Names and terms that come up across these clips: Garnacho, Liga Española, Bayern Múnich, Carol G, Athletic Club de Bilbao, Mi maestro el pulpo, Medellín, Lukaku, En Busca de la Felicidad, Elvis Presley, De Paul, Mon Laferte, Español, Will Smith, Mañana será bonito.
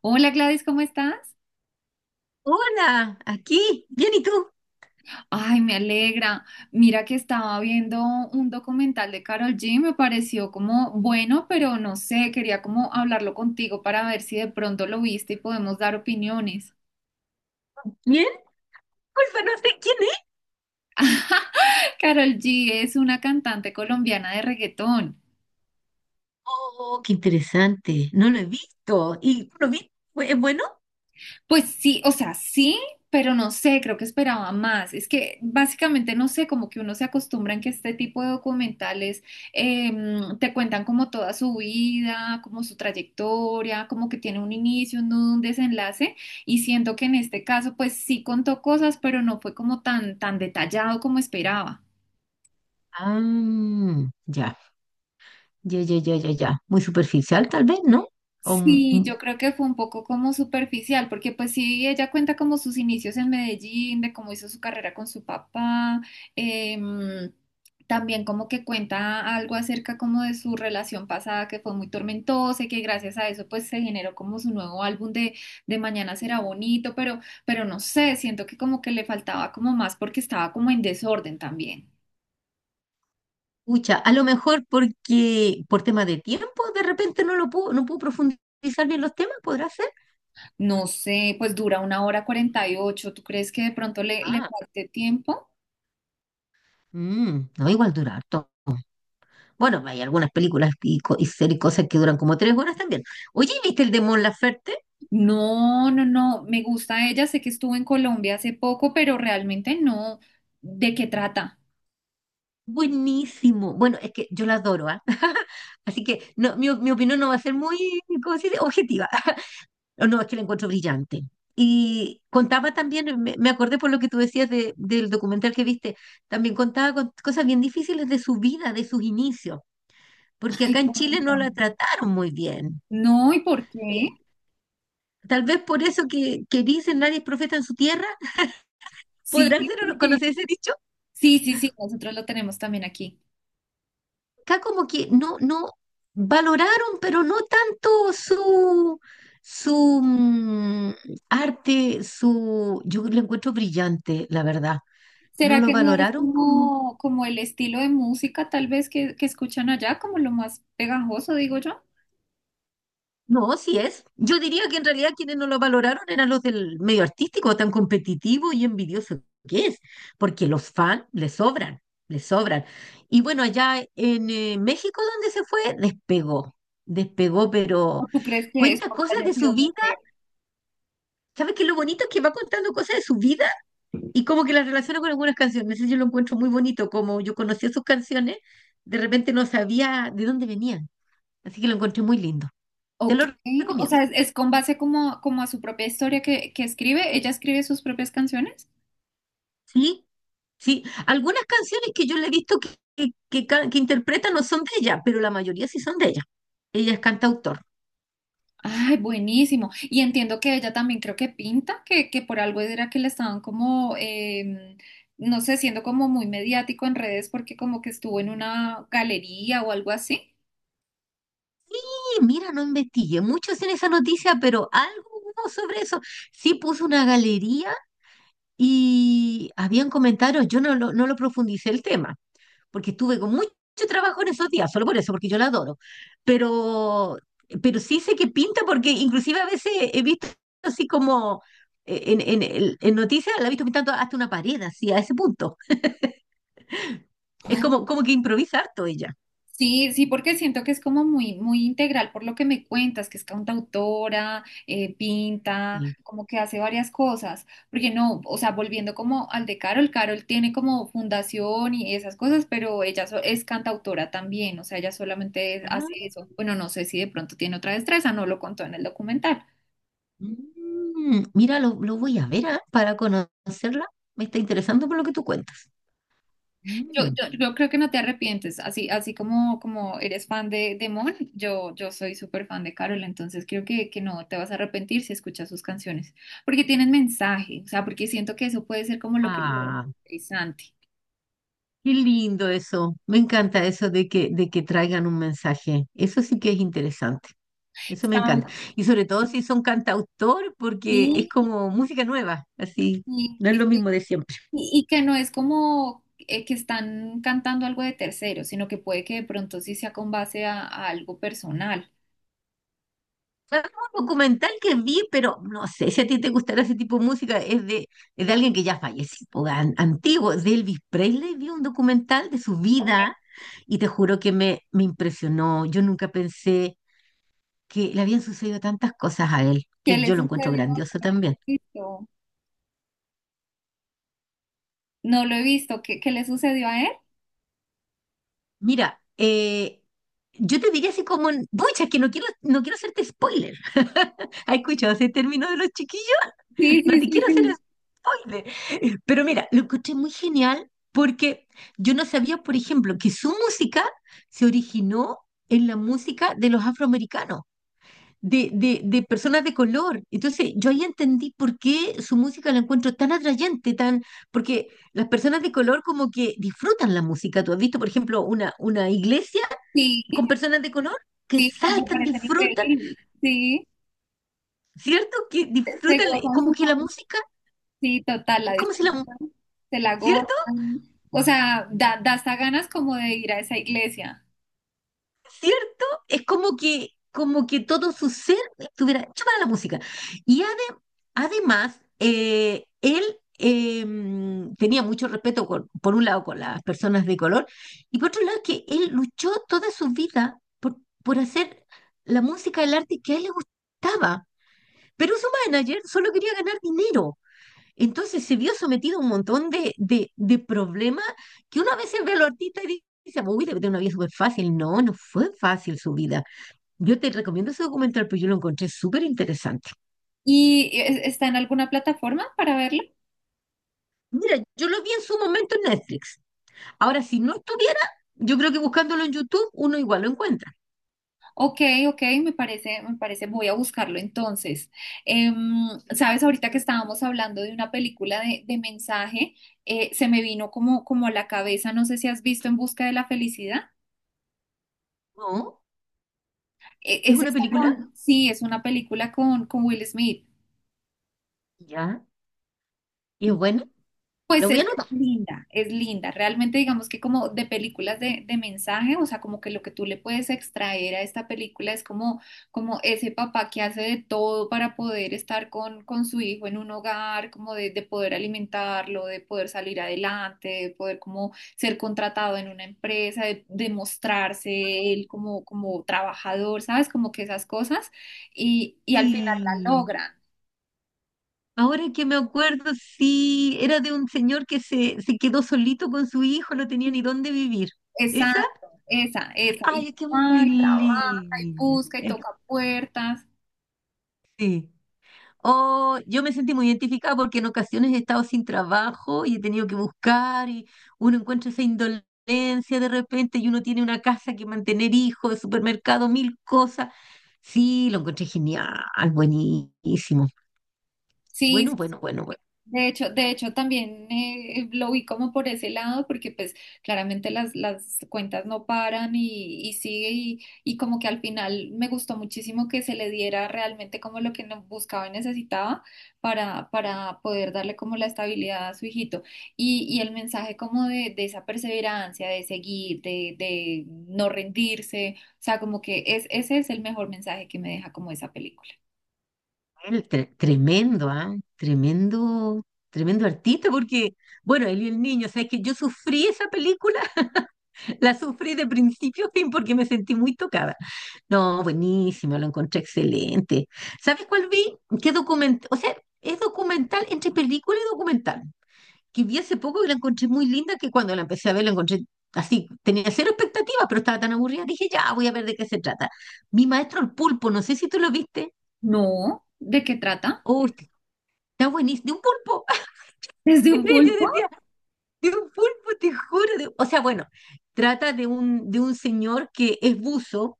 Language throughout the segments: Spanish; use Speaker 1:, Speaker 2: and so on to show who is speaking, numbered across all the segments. Speaker 1: Hola Gladys, ¿cómo estás?
Speaker 2: Hola, aquí. Bien, ¿y tú?
Speaker 1: Ay, me alegra. Mira que estaba viendo un documental de Carol G, me pareció como bueno, pero no sé, quería como hablarlo contigo para ver si de pronto lo viste y podemos dar opiniones.
Speaker 2: ¿Bien? Culpa, no sé quién es.
Speaker 1: Carol G es una cantante colombiana de reggaetón.
Speaker 2: Oh, qué interesante. No lo he visto. ¿Y tú lo viste? ¿Es bueno?
Speaker 1: Pues sí, o sea, sí, pero no sé, creo que esperaba más. Es que básicamente no sé, como que uno se acostumbra en que este tipo de documentales te cuentan como toda su vida, como su trayectoria, como que tiene un inicio, un nudo, un desenlace. Y siento que en este caso, pues sí contó cosas, pero no fue como tan, tan detallado como esperaba.
Speaker 2: Ah, ya, ya, ya, ya, ya, ya. Muy superficial, tal vez, ¿no? O, m-
Speaker 1: Sí,
Speaker 2: m-
Speaker 1: yo creo que fue un poco como superficial, porque pues sí, ella cuenta como sus inicios en Medellín, de cómo hizo su carrera con su papá, em, también como que cuenta algo acerca como de su relación pasada que fue muy tormentosa y que gracias a eso pues se generó como su nuevo álbum de Mañana será bonito, pero no sé, siento que como que le faltaba como más porque estaba como en desorden también.
Speaker 2: Pucha, a lo mejor porque por tema de tiempo, de repente no puedo profundizar bien los temas, ¿podrá ser?
Speaker 1: No sé, pues dura una hora 48, ¿tú crees que de pronto le, le
Speaker 2: Ah,
Speaker 1: falte tiempo?
Speaker 2: mm, no, igual dura harto. Bueno, hay algunas películas y series, cosas que duran como 3 horas también. Oye, ¿viste el de Mon Laferte?
Speaker 1: No, no, no, me gusta ella, sé que estuvo en Colombia hace poco, pero realmente no. ¿De qué trata?
Speaker 2: Buenísimo. Bueno, es que yo la adoro, ¿ah? Así que no, mi opinión no va a ser muy, ¿cómo se dice? Objetiva. No, no, es que la encuentro brillante. Y contaba también, me acordé por lo que tú decías del documental que viste, también contaba con cosas bien difíciles de su vida, de sus inicios, porque
Speaker 1: Ay,
Speaker 2: acá en Chile no
Speaker 1: cuéntame.
Speaker 2: la trataron muy bien.
Speaker 1: No, ¿y por
Speaker 2: Eh,
Speaker 1: qué?
Speaker 2: Tal vez por eso que dicen nadie es profeta en su tierra.
Speaker 1: Sí,
Speaker 2: ¿Podrá ser o
Speaker 1: porque
Speaker 2: conocer ese dicho?
Speaker 1: sí, sí, sí, nosotros lo tenemos también aquí.
Speaker 2: Acá como que no valoraron, pero no tanto su, su mm, arte. Yo lo encuentro brillante, la verdad. No
Speaker 1: ¿Será
Speaker 2: lo
Speaker 1: que no es
Speaker 2: valoraron como,
Speaker 1: como, como el estilo de música tal vez que escuchan allá, como lo más pegajoso, digo yo?
Speaker 2: no, sí es. Yo diría que en realidad quienes no lo valoraron eran los del medio artístico, tan competitivo y envidioso que es, porque los fans le sobran, le sobran. Y bueno, allá en México, donde se fue, despegó, despegó, pero
Speaker 1: ¿O tú crees que es
Speaker 2: cuenta
Speaker 1: porque
Speaker 2: cosas
Speaker 1: haya
Speaker 2: de
Speaker 1: sido
Speaker 2: su vida.
Speaker 1: mujer?
Speaker 2: ¿Sabes qué? Lo bonito es que va contando cosas de su vida y como que las relaciona con algunas canciones. Eso yo lo encuentro muy bonito. Como yo conocía sus canciones, de repente no sabía de dónde venían. Así que lo encontré muy lindo. Te
Speaker 1: Ok,
Speaker 2: lo
Speaker 1: o
Speaker 2: recomiendo.
Speaker 1: sea, es con base como, como a su propia historia que escribe, ella escribe sus propias canciones.
Speaker 2: Sí, sí. Algunas canciones que yo le he visto que interpreta no son de ella, pero la mayoría sí son de ella. Ella es cantautor.
Speaker 1: Ay, buenísimo. Y entiendo que ella también creo que pinta, que por algo era que le estaban como, no sé, siendo como muy mediático en redes porque como que estuvo en una galería o algo así.
Speaker 2: Y mira, no investigué mucho en esa noticia, pero algo hubo sobre eso. Sí puso una galería y habían comentarios. Yo no lo profundicé el tema porque estuve con mucho trabajo en esos días, solo por eso, porque yo la adoro. Pero, pero sí sé que pinta, porque inclusive a veces he visto así como en noticias, la he visto pintando hasta una pared, así, a ese punto. Es como que improvisa harto ella.
Speaker 1: Sí, sí, porque siento que es como muy, muy integral por lo que me cuentas, que es cantautora, pinta,
Speaker 2: Sí.
Speaker 1: como que hace varias cosas. Porque no, o sea, volviendo como al de Carol, Carol tiene como fundación y esas cosas, pero ella es cantautora también, o sea, ella solamente
Speaker 2: Ajá.
Speaker 1: hace eso. Bueno, no sé si de pronto tiene otra destreza, no lo contó en el documental.
Speaker 2: Mira, lo voy a ver, ah, para conocerla. Me está interesando por lo que tú cuentas.
Speaker 1: Yo,
Speaker 2: Mm.
Speaker 1: yo, yo creo que no te arrepientes, así, así como, como eres fan de Mon, yo soy súper fan de Carol, entonces creo que no te vas a arrepentir si escuchas sus canciones, porque tienen mensaje, o sea, porque siento que eso puede ser como lo que lo
Speaker 2: Ah,
Speaker 1: interesante.
Speaker 2: qué lindo eso. Me encanta eso de que traigan un mensaje. Eso sí que es interesante. Eso me
Speaker 1: ¿Sabes?
Speaker 2: encanta. Y sobre todo si son cantautor, porque es
Speaker 1: Sí,
Speaker 2: como música nueva, así.
Speaker 1: y,
Speaker 2: No es
Speaker 1: y-
Speaker 2: lo mismo de siempre.
Speaker 1: y que no es como que están cantando algo de tercero, sino que puede que de pronto sí sea con base a algo personal.
Speaker 2: Fue un documental que vi, pero no sé si a ti te gustará ese tipo de música. Es de alguien que ya falleció, po, antiguo, es de Elvis Presley. Vi un documental de su vida y te juro que me impresionó. Yo nunca pensé que le habían sucedido tantas cosas a él,
Speaker 1: ¿Qué
Speaker 2: que
Speaker 1: le
Speaker 2: yo lo encuentro
Speaker 1: sucedió? ¿A
Speaker 2: grandioso también.
Speaker 1: Jesucristo? No lo he visto, ¿qué, qué le sucedió a él?
Speaker 2: Mira, yo te diría así como, pucha, es que no quiero hacerte spoiler. ¿Has escuchado ese término de los chiquillos?
Speaker 1: Sí,
Speaker 2: No
Speaker 1: sí,
Speaker 2: te
Speaker 1: sí,
Speaker 2: quiero hacer
Speaker 1: sí.
Speaker 2: spoiler. Pero mira, lo encontré muy genial porque yo no sabía, por ejemplo, que su música se originó en la música de los afroamericanos de personas de color. Entonces, yo ahí entendí por qué su música la encuentro tan atrayente, porque las personas de color como que disfrutan la música. ¿Tú has visto, por ejemplo, una iglesia
Speaker 1: Sí,
Speaker 2: con personas de color? Que
Speaker 1: sí, no me
Speaker 2: saltan,
Speaker 1: parecen
Speaker 2: disfrutan,
Speaker 1: increíbles. Sí,
Speaker 2: ¿cierto? Que
Speaker 1: se
Speaker 2: disfrutan,
Speaker 1: gozan
Speaker 2: como
Speaker 1: su
Speaker 2: que la
Speaker 1: sabor.
Speaker 2: música,
Speaker 1: Sí, total, la
Speaker 2: es como si
Speaker 1: disfrutan, se la
Speaker 2: ¿cierto?
Speaker 1: gozan. O sea, da, da hasta ganas como de ir a esa iglesia.
Speaker 2: ¿Cierto? Es como que todo su ser estuviera hecho para la música. Y además, él eh, tenía mucho respeto, por un lado, con las personas de color, y por otro lado, que él luchó toda su vida por, hacer la música, el arte que a él le gustaba. Pero su manager solo quería ganar dinero. Entonces se vio sometido a un montón de problemas que uno a veces ve a los artistas y dice, uy, debe tener una vida súper fácil. No fue fácil su vida. Yo te recomiendo ese documental, porque yo lo encontré súper interesante.
Speaker 1: ¿Y está en alguna plataforma para verla?
Speaker 2: Mira, yo lo vi en su momento en Netflix. Ahora, si no estuviera, yo creo que buscándolo en YouTube, uno igual lo encuentra.
Speaker 1: Ok, ok, me parece, voy a buscarlo entonces. Em, sabes, ahorita que estábamos hablando de una película de mensaje, se me vino como, como a la cabeza, no sé si has visto En Busca de la Felicidad.
Speaker 2: No, es
Speaker 1: Es
Speaker 2: una
Speaker 1: esa
Speaker 2: película,
Speaker 1: con, sí, es una película con Will Smith.
Speaker 2: ya, y es buena. Lo
Speaker 1: Pues
Speaker 2: voy a
Speaker 1: es
Speaker 2: anotar.
Speaker 1: linda, es linda. Realmente digamos que como de películas de mensaje, o sea, como que lo que tú le puedes extraer a esta película es como, como ese papá que hace de todo para poder estar con su hijo en un hogar, como de poder alimentarlo, de poder salir adelante, de poder como ser contratado en una empresa, de mostrarse él como, como trabajador, ¿sabes? Como que esas cosas y al final la
Speaker 2: Sí.
Speaker 1: logran.
Speaker 2: Ahora que me acuerdo, sí, era de un señor que se quedó solito con su hijo, no tenía ni dónde vivir. ¿Esa?
Speaker 1: Exacto, esa, esa. Y,
Speaker 2: Ay, es que es muy
Speaker 1: ay, trabaja y
Speaker 2: linda.
Speaker 1: busca y toca puertas.
Speaker 2: Sí. Oh, yo me sentí muy identificada porque en ocasiones he estado sin trabajo y he tenido que buscar, y uno encuentra esa indolencia de repente y uno tiene una casa que mantener, hijos, supermercado, mil cosas. Sí, lo encontré genial, buenísimo.
Speaker 1: Sí,
Speaker 2: Bueno,
Speaker 1: sí.
Speaker 2: bueno, bueno, bueno.
Speaker 1: De hecho también lo vi como por ese lado, porque pues claramente las cuentas no paran y sigue y como que al final me gustó muchísimo que se le diera realmente como lo que buscaba y necesitaba para poder darle como la estabilidad a su hijito. Y el mensaje como de esa perseverancia, de seguir, de no rendirse, o sea, como que es, ese es el mejor mensaje que me deja como esa película.
Speaker 2: Él tremendo, ¿ah? Tremendo, tremendo artista, porque, bueno, él y el niño, sabes que yo sufrí esa película, la sufrí de principio a fin porque me sentí muy tocada. No, buenísimo, lo encontré excelente. ¿Sabes cuál vi? ¿Qué documental? O sea, es documental entre película y documental, que vi hace poco y la encontré muy linda, que cuando la empecé a ver la encontré así, tenía cero expectativas, pero estaba tan aburrida, dije, ya, voy a ver de qué se trata. Mi maestro el pulpo, no sé si tú lo viste.
Speaker 1: No, ¿de qué trata?
Speaker 2: Oh, está buenísimo, de un pulpo.
Speaker 1: ¿Desde
Speaker 2: ¿Te
Speaker 1: un
Speaker 2: crees? Yo
Speaker 1: pulpo?
Speaker 2: decía, de un pulpo, te juro. O sea, bueno, trata de un señor que es buzo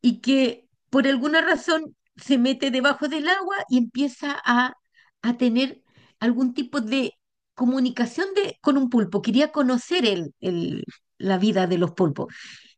Speaker 2: y que por alguna razón se mete debajo del agua y empieza a tener algún tipo de comunicación con un pulpo. Quería conocer la vida de los pulpos.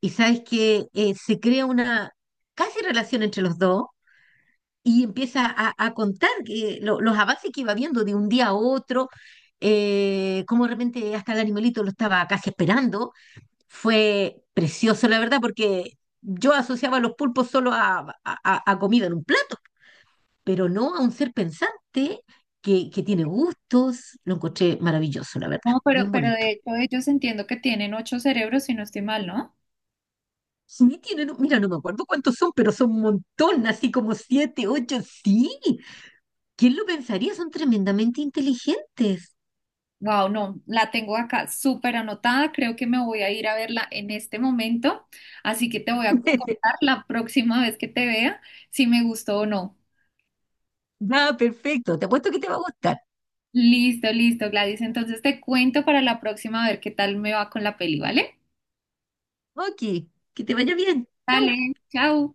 Speaker 2: Y sabes que se crea una casi relación entre los dos y empieza a contar que los avances que iba viendo de un día a otro, cómo de repente hasta el animalito lo estaba casi esperando. Fue precioso, la verdad, porque yo asociaba los pulpos solo a comida en un plato, pero no a un ser pensante que tiene gustos. Lo encontré maravilloso, la verdad,
Speaker 1: No,
Speaker 2: bien
Speaker 1: pero
Speaker 2: bonito.
Speaker 1: de hecho ellos entiendo que tienen ocho cerebros, si no estoy mal, ¿no?
Speaker 2: Sí, tienen, mira, no me acuerdo cuántos son, pero son un montón, así como siete, ocho, sí. ¿Quién lo pensaría? Son tremendamente inteligentes.
Speaker 1: Wow, no, la tengo acá súper anotada, creo que me voy a ir a verla en este momento, así que te voy a contar la próxima vez que te vea si me gustó o no.
Speaker 2: Ya, perfecto. Te apuesto que te va a gustar.
Speaker 1: Listo, listo, Gladys, entonces te cuento para la próxima a ver qué tal me va con la peli, ¿vale?
Speaker 2: Ok, que te vaya bien. Chau.
Speaker 1: Dale, chao.